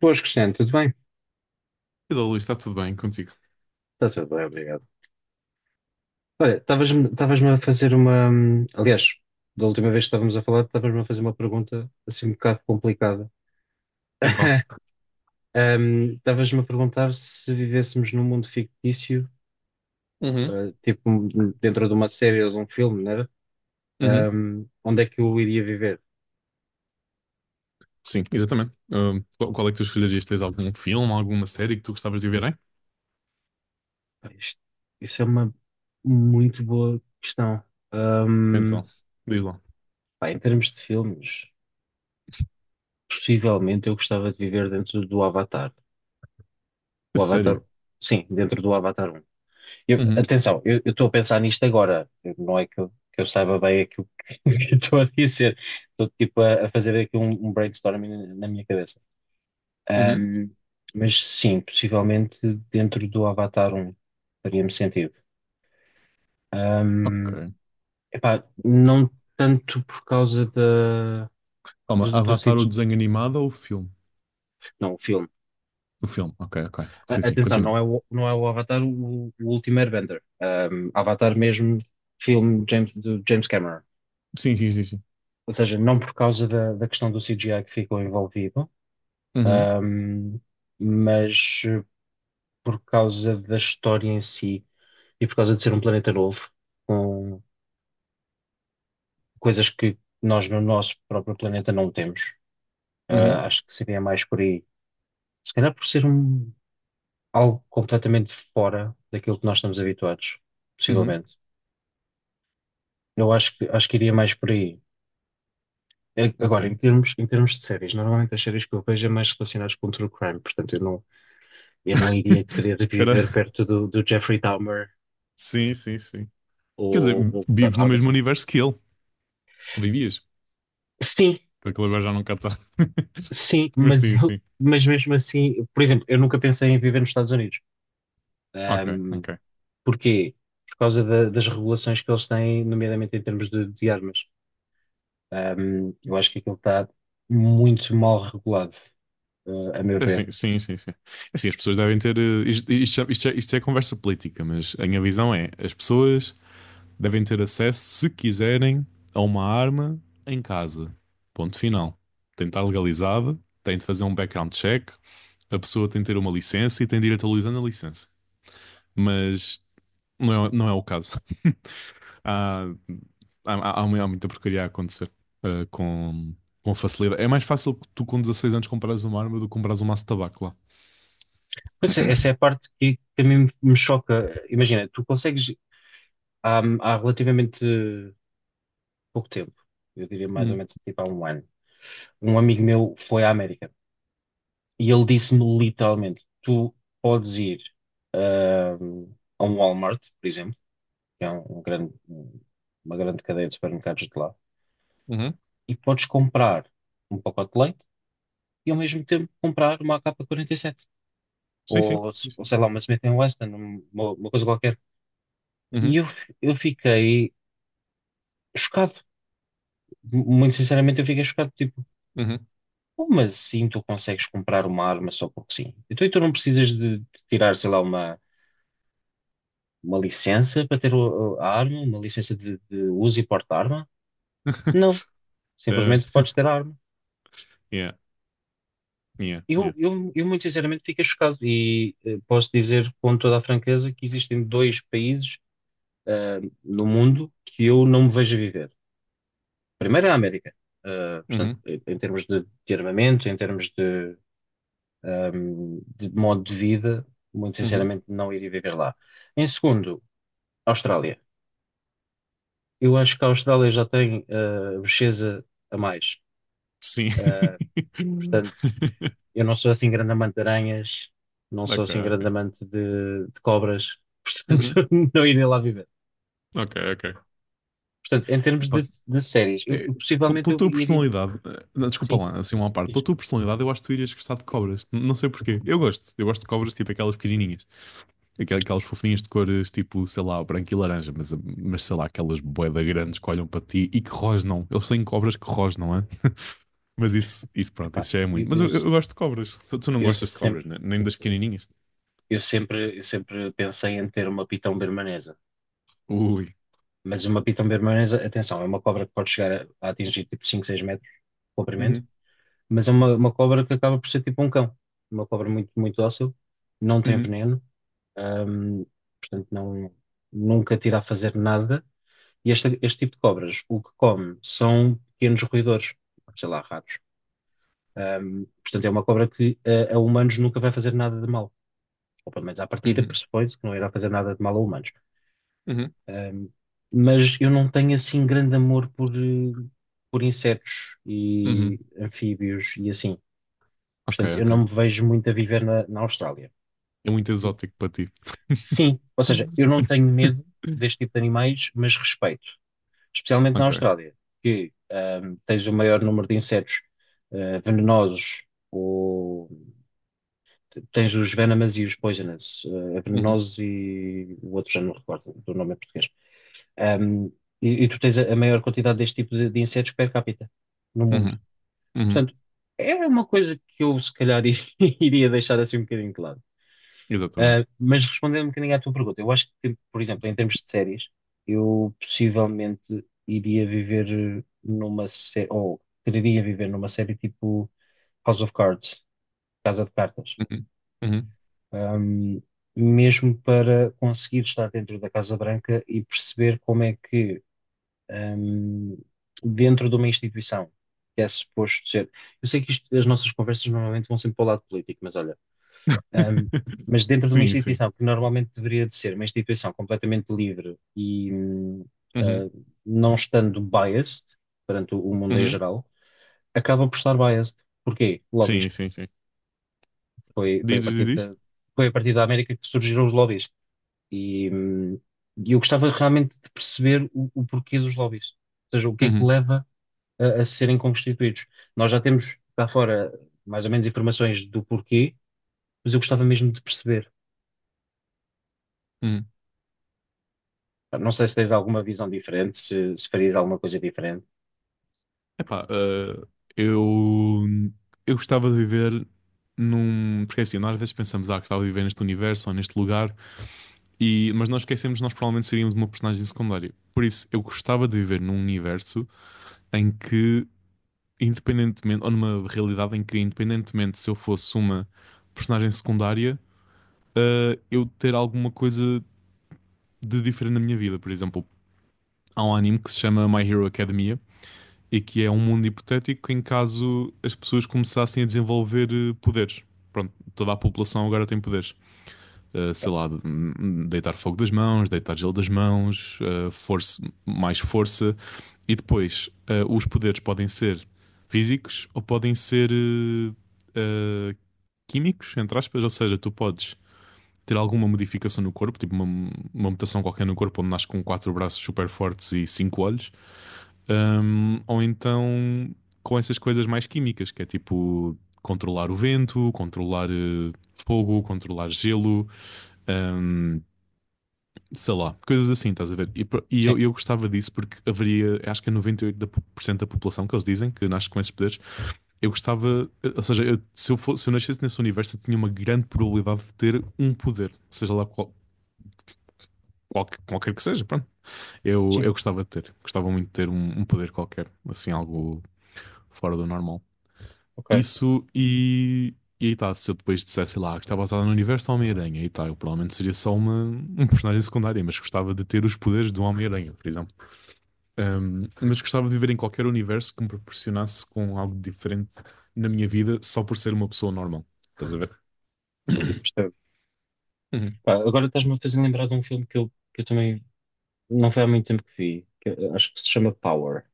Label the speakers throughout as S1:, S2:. S1: Boas, Cristiano, tudo bem?
S2: Olá, Luís, está tudo bem contigo?
S1: Está tudo bem, obrigado. Olha, estavas-me a fazer uma. Aliás, da última vez que estávamos a falar, estavas-me a fazer uma pergunta assim um bocado complicada.
S2: Então.
S1: Estavas-me a perguntar se vivêssemos num mundo fictício,
S2: Uhum,
S1: tipo dentro de uma série ou de um filme, não era?
S2: uhum.
S1: Onde é que eu iria viver?
S2: Sim, exatamente. Qual, qual é que tu escolherias? Tens algum filme, alguma série que tu gostavas de ver, hein?
S1: Pá, isso é uma muito boa questão. Hum,
S2: Então, diz lá.
S1: Pá, em termos de filmes, possivelmente eu gostava de viver dentro do Avatar.
S2: A
S1: O Avatar,
S2: sério?
S1: sim, dentro do Avatar
S2: Uhum,
S1: Atenção, eu estou a pensar nisto agora. Não é que eu saiba bem aquilo que que eu estou a dizer. Estou tipo a fazer aqui um brainstorming na minha cabeça.
S2: uhum.
S1: Ahm, mas sim, possivelmente dentro do Avatar faria-me sentido.
S2: Ok.
S1: Ahm, Epá, não tanto por causa da,
S2: Calma,
S1: do
S2: Avatar, o
S1: CG,
S2: desenho animado ou o filme?
S1: não, o filme.
S2: O filme, ok, ok. Sim, sim,
S1: Atenção,
S2: continua.
S1: não é o, não é o Avatar o último Airbender. Avatar mesmo, filme do James Cameron.
S2: Sim, sim, sim, sim.
S1: Ou seja, não por causa da questão do CGI que ficou envolvido,
S2: Uhum,
S1: um, mas por causa da história em si e por causa de ser um planeta novo, com coisas que nós no nosso próprio planeta não temos.
S2: uhum,
S1: Ah, acho que seria mais por aí. Se calhar por ser algo completamente fora daquilo que nós estamos habituados,
S2: uhum.
S1: possivelmente. Eu acho que iria mais por aí.
S2: Ok.
S1: Agora, em termos de séries, normalmente as séries que eu vejo é mais relacionadas com true crime, portanto eu não iria querer
S2: Era.
S1: viver perto do Jeffrey Dahmer
S2: Sim, sim, sim. Quer dizer,
S1: ou
S2: vives no
S1: algo
S2: mesmo
S1: assim.
S2: universo que ele. Ou vivias?
S1: Sim,
S2: Porque ele agora já não cá.
S1: sim,
S2: Mas
S1: mas
S2: sim,
S1: eu,
S2: sim.
S1: mas mesmo assim, por exemplo, eu nunca pensei em viver nos Estados Unidos.
S2: Ok,
S1: Ahm,
S2: ok.
S1: Porquê? Por causa das regulações que eles têm, nomeadamente em termos de armas. Eu acho que aquilo está muito mal regulado, a meu ver.
S2: Assim, sim, sim, sim. Assim, as pessoas devem ter. Isto, isto, isto é conversa política, mas a minha visão é: as pessoas devem ter acesso, se quiserem, a uma arma em casa. Ponto final. Tem de estar legalizada, tem de fazer um background check, a pessoa tem de ter uma licença e tem de ir atualizando a licença. Mas não é, não é o caso. Há, há muita porcaria a acontecer, eh, com, com facilidade. É mais fácil que tu, com 16 anos, comprares uma arma do que comprares um maço de tabaco lá.
S1: Pois é, essa é a parte que a mim me choca. Imagina, tu consegues há relativamente pouco tempo, eu diria mais ou
S2: Uhum.
S1: menos tipo há um ano, um amigo meu foi à América e ele disse-me literalmente: tu podes ir ahm, a um Walmart, por exemplo, que é um grande, uma grande cadeia de supermercados de lá,
S2: Uhum.
S1: e podes comprar um pacote de leite e ao mesmo tempo comprar uma AK-47
S2: Sim, sim.
S1: ou,
S2: Sim,
S1: ou
S2: sim.
S1: sei lá, uma Smith and Wesson, uma coisa qualquer. E
S2: Uhum,
S1: eu fiquei chocado. Muito sinceramente, eu fiquei chocado. Tipo,
S2: uhum.
S1: como assim tu consegues comprar uma arma só porque sim? Então, e tu não precisas de tirar, sei lá, uma licença para ter a arma, uma licença de uso e porte de arma? Não.
S2: Uh,
S1: Simplesmente podes ter a arma.
S2: yeah, yeah, yeah.
S1: Eu muito sinceramente, fiquei chocado. E posso dizer com toda a franqueza que existem dois países no mundo que eu não me vejo a viver. Primeiro é a América. Ah, portanto,
S2: Uhum,
S1: em termos de armamento, em termos de de modo de vida, muito
S2: uhum.
S1: sinceramente não iria viver lá. Em segundo, Austrália. Eu acho que a Austrália já tem bocheza a mais.
S2: Sim.
S1: Uh, Portanto, eu não sou assim grande amante de aranhas, não sou
S2: Ok,
S1: assim grande
S2: ok.
S1: amante de cobras,
S2: Uhum,
S1: portanto, não iria lá viver.
S2: ok, ok.
S1: Portanto, em termos de,
S2: Pá,
S1: de séries, eu,
S2: é,
S1: eu possivelmente
S2: pela
S1: eu
S2: tua
S1: iria.
S2: personalidade, não, desculpa
S1: Sim,
S2: lá, assim uma parte,
S1: diz.
S2: pela tua personalidade, eu acho que tu irias gostar de cobras. Não sei porquê. Eu gosto. Eu gosto de cobras, tipo aquelas pequenininhas. Aquelas fofinhas de cores, tipo, sei lá, branco e laranja, mas sei lá, aquelas bué da grandes que olham para ti e que rosnam. Eles têm cobras que rosnam. Mas isso, pronto,
S1: Epá,
S2: isso já é muito. Mas eu gosto de cobras. Tu, tu não
S1: eu
S2: gostas de cobras,
S1: sempre,
S2: né? Nem das pequenininhas?
S1: eu sempre pensei em ter uma pitão bermanesa.
S2: Ui.
S1: Mas uma piton bermanesa, atenção, é uma cobra que pode chegar a atingir tipo 5 6 metros de comprimento,
S2: Uhum,
S1: mas é uma cobra que acaba por ser tipo um cão. Uma cobra muito, muito dócil, não tem
S2: uhum,
S1: veneno, hum, portanto não, nunca tira a fazer nada. E este tipo de cobras, o que come são pequenos roedores, sei lá, ratos. Portanto é uma cobra que a humanos nunca vai fazer nada de mal. Ou pelo menos à partida
S2: uhum,
S1: pressupõe-se que não irá fazer nada de mal a humanos.
S2: uhum,
S1: Ahm, mas eu não tenho assim grande amor por por insetos e
S2: uhum.
S1: anfíbios e assim.
S2: Ok,
S1: Portanto, eu
S2: ok.
S1: não me vejo muito a viver na Austrália.
S2: É muito exótico para ti.
S1: Sim, ou seja, eu não tenho medo deste tipo de animais, mas respeito, especialmente na
S2: Ok.
S1: Austrália, que tens o maior número de insetos venenosos, ou tens os venomous e os poisonous,
S2: Uhum,
S1: venenosos e o outro já não me recordo do nome em português. Um, e tu tens a maior quantidade deste tipo de insetos per capita no mundo.
S2: uhum, uhum.
S1: Portanto, é uma coisa que eu se calhar iria deixar assim um bocadinho de lado.
S2: Exatamente.
S1: Mas respondendo um bocadinho à tua pergunta, eu acho que, por exemplo, em termos de séries, eu possivelmente iria viver numa série, ou quereria viver numa série tipo House of Cards, Casa de Cartas.
S2: Uhum, uhum.
S1: Um, Mesmo para conseguir estar dentro da Casa Branca e perceber como é que hum, dentro de uma instituição, que é suposto ser. Eu sei que as nossas conversas normalmente vão sempre para o lado político, mas olha, hum, mas dentro de uma
S2: Sim, sim.
S1: instituição que normalmente deveria de ser uma instituição completamente livre e
S2: Uhum,
S1: ah, não estando biased perante o mundo em
S2: uhum.
S1: geral, acaba por estar biased. Porquê?
S2: Sim,
S1: Lobbies.
S2: sim, sim.
S1: Foi, foi a
S2: Diz, diz, diz,
S1: partir
S2: diz.
S1: da, foi a partir da América que surgiram os lobbies. E, hum, e eu gostava realmente de perceber o porquê dos lobbies. Ou seja, o que é que
S2: Uhum,
S1: leva a serem constituídos. Nós já temos cá fora mais ou menos informações do porquê, mas eu gostava mesmo de perceber.
S2: uhum.
S1: Não sei se tens alguma visão diferente, se farias alguma coisa diferente.
S2: Epá, eu, eu gostava de viver num. Porque é assim, nós às vezes pensamos, ah, gostava de viver neste universo ou neste lugar. E, mas nós esquecemos que nós provavelmente seríamos uma personagem secundária. Por isso, eu gostava de viver num universo em que, independentemente, ou numa realidade em que, independentemente se eu fosse uma personagem secundária, eu ter alguma coisa de diferente na minha vida. Por exemplo, há um anime que se chama My Hero Academia e que é um mundo hipotético em caso as pessoas começassem a desenvolver poderes. Pronto, toda a população agora tem poderes. Eh, sei lá, Deitar fogo das mãos, deitar gelo das mãos, força, mais força. E depois, os poderes podem ser físicos ou podem ser eh, químicos, entre aspas, ou seja, tu podes ter alguma modificação no corpo, tipo uma mutação qualquer no corpo, onde nasce com quatro braços super fortes e cinco olhos. Ou então com essas coisas mais químicas, que é tipo controlar o vento, controlar fogo, controlar gelo, ahm, sei lá, coisas assim, estás a ver? E, pro- e
S1: Sim,
S2: eu, eu gostava disso porque haveria, acho que é 98% da por cento da população que eles dizem que nasce com esses poderes. Eu gostava, ou seja, eu- se, eu fosse, se eu nascesse nesse universo, eu tinha uma grande probabilidade de ter um poder, seja lá qual. Qualquer que seja, pronto. Eu,
S1: sim,
S2: eu gostava de ter, gostava muito de ter um, um poder qualquer, assim, algo fora do normal.
S1: ok,
S2: Isso e aí tá, se eu depois dissesse sei lá, que estava basado no universo do Homem-Aranha, aí tá, eu provavelmente seria só uma, um personagem secundário, mas gostava de ter os poderes do Homem-Aranha, por exemplo. Mas gostava de viver em qualquer universo que me proporcionasse com algo diferente na minha vida só por ser uma pessoa normal. Estás a ver?
S1: percebo.
S2: Uhum,
S1: Pá, agora estás-me a fazer lembrar de um filme que eu também não foi há muito tempo que vi, que eu acho que se chama Power,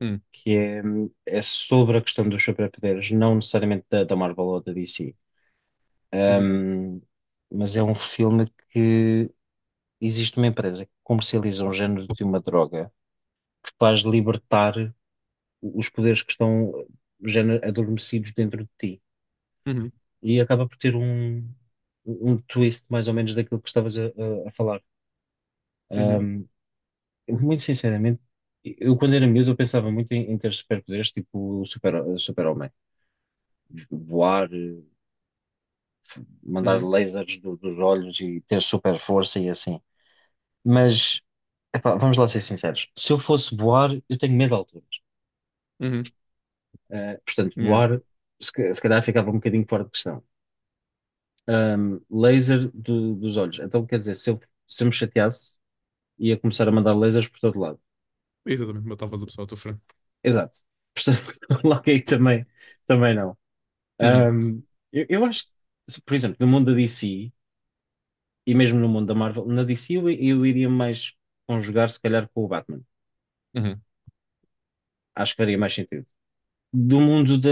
S2: uhum,
S1: que é, é sobre a questão dos superpoderes, não necessariamente da Marvel ou da DC.
S2: uhum,
S1: Ahm, mas é um filme que existe uma empresa que comercializa um género de uma droga faz libertar os poderes que estão já adormecidos dentro de ti.
S2: uhum,
S1: E acaba por ter um twist mais ou menos daquilo que estavas a falar.
S2: uhum,
S1: Ahm, Muito sinceramente, eu quando era miúdo eu pensava muito em ter superpoderes, tipo o super-homem. Voar, mandar
S2: uhum,
S1: lasers dos olhos e ter super força e assim. Mas, epá, vamos lá ser sinceros. Se eu fosse voar, eu tenho medo de alturas.
S2: uhum,
S1: Portanto,
S2: yeah.
S1: voar, se calhar ficava um bocadinho fora de questão. Laser dos olhos. Então, quer dizer, se eu me chateasse, ia começar a mandar lasers por todo lado.
S2: Exatamente, matavas a pessoa à tua frente.
S1: Exato. Portanto, logo aí também, também não.
S2: Uhum,
S1: Ahm, eu acho que, por exemplo, no mundo da DC e mesmo no mundo da Marvel, na DC eu iria mais conjugar, se calhar, com o Batman.
S2: uhum.
S1: Acho que faria mais sentido. Do mundo da,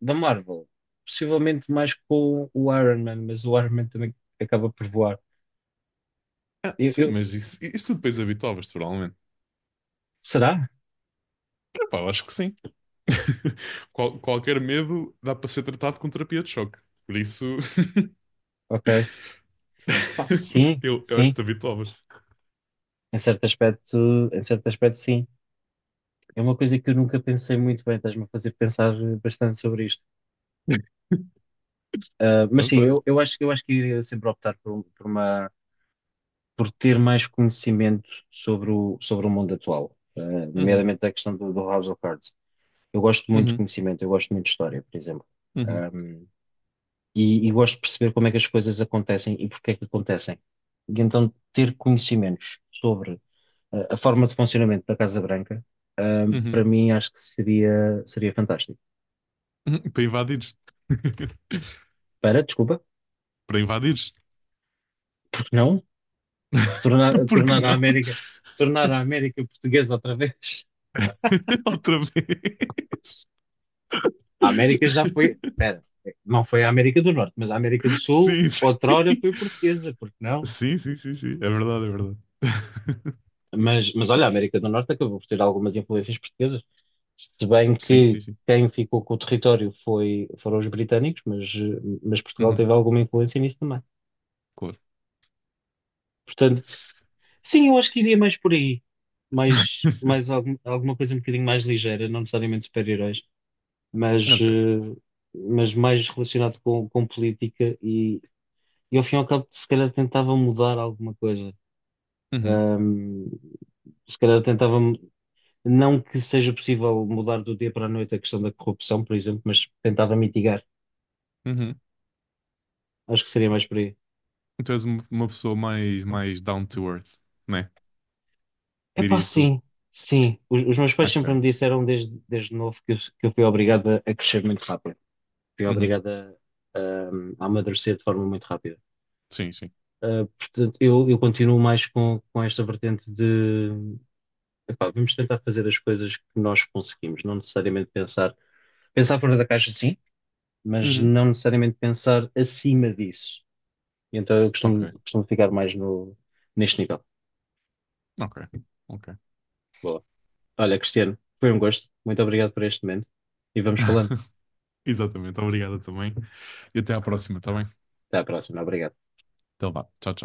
S1: da Marvel, possivelmente mais com o Iron Man, mas o Iron Man também acaba por voar.
S2: Ah,
S1: Eu,
S2: sim,
S1: eu-
S2: mas isso tu depois habituavas-te, provavelmente.
S1: Será?
S2: Epá, eu acho que sim. Qual- qualquer medo dá para ser tratado com terapia de choque. Por isso,
S1: Ok. Ah, sim,
S2: eu acho
S1: sim.
S2: que te habituavas.
S1: Em certo aspecto, sim. É uma coisa que eu nunca pensei muito bem, estás-me a fazer pensar bastante sobre isto. Ah, mas sim,
S2: Pronto, olha.
S1: eu acho que iria sempre optar por, um- por uma, por ter mais conhecimento sobre o mundo atual,
S2: Uhum,
S1: nomeadamente a questão do House of Cards. Eu gosto muito de
S2: uhum,
S1: conhecimento, eu gosto muito de história, por exemplo.
S2: uhum,
S1: Ahm, e gosto de perceber como é que as coisas acontecem e porque é que acontecem. E então ter conhecimentos sobre a forma de funcionamento da Casa Branca,
S2: uhum.
S1: para mim acho que seria fantástico.
S2: Para invadires.
S1: Para, desculpa,
S2: Para invadires.
S1: porque não? Tornar,
S2: Por que
S1: tornar a
S2: não?
S1: América, tornar a América portuguesa outra vez.
S2: Outra vez.
S1: A América já foi, espera, não foi a América do Norte, mas a América do Sul,
S2: Sim, sim.
S1: outrora foi portuguesa, porque não?
S2: Sim, sim, sim, sim. É verdade, é verdade.
S1: Mas olha, a América do Norte acabou por ter algumas influências portuguesas, se bem
S2: Sim, sim,
S1: que
S2: sim.
S1: quem ficou com o território foram os britânicos, mas Portugal
S2: Uhum,
S1: teve alguma influência nisso também.
S2: claro.
S1: Portanto, sim, eu acho que iria mais por aí. Mais alguma coisa um bocadinho mais ligeira, não necessariamente super-heróis, mas,
S2: Ok.
S1: eh, mas mais relacionado com política e ao fim e ao cabo se calhar tentava mudar alguma coisa.
S2: Uhum,
S1: Ahm, Se calhar tentava, não que seja possível mudar do dia para a noite a questão da corrupção, por exemplo, mas tentava mitigar.
S2: uhum.
S1: Acho que seria mais por aí.
S2: Tu és uma pessoa mais, mais down to earth, né?
S1: Epá,
S2: Dirias tu.
S1: sim, sim. Os meus pais sempre
S2: Ok.
S1: me disseram desde novo que eu fui obrigado a crescer muito rápido. Fui
S2: Uhum.
S1: obrigada a, a amadurecer de forma muito rápida.
S2: Sim, sim.
S1: Portanto, eu continuo mais com esta vertente de epá, vamos tentar fazer as coisas que nós conseguimos, não necessariamente pensar fora da caixa, sim, mas
S2: Uhum.
S1: não necessariamente pensar acima disso. E então eu
S2: Ok.
S1: costumo ficar mais no, neste nível.
S2: Ok. Ok.
S1: Boa. Olha, Cristiano, foi um gosto. Muito obrigado por este momento e vamos falando.
S2: Exatamente. Obrigado também. E até à próxima, tá bem?
S1: Até à próxima. Obrigado.
S2: Então vá. Tchau, tchau.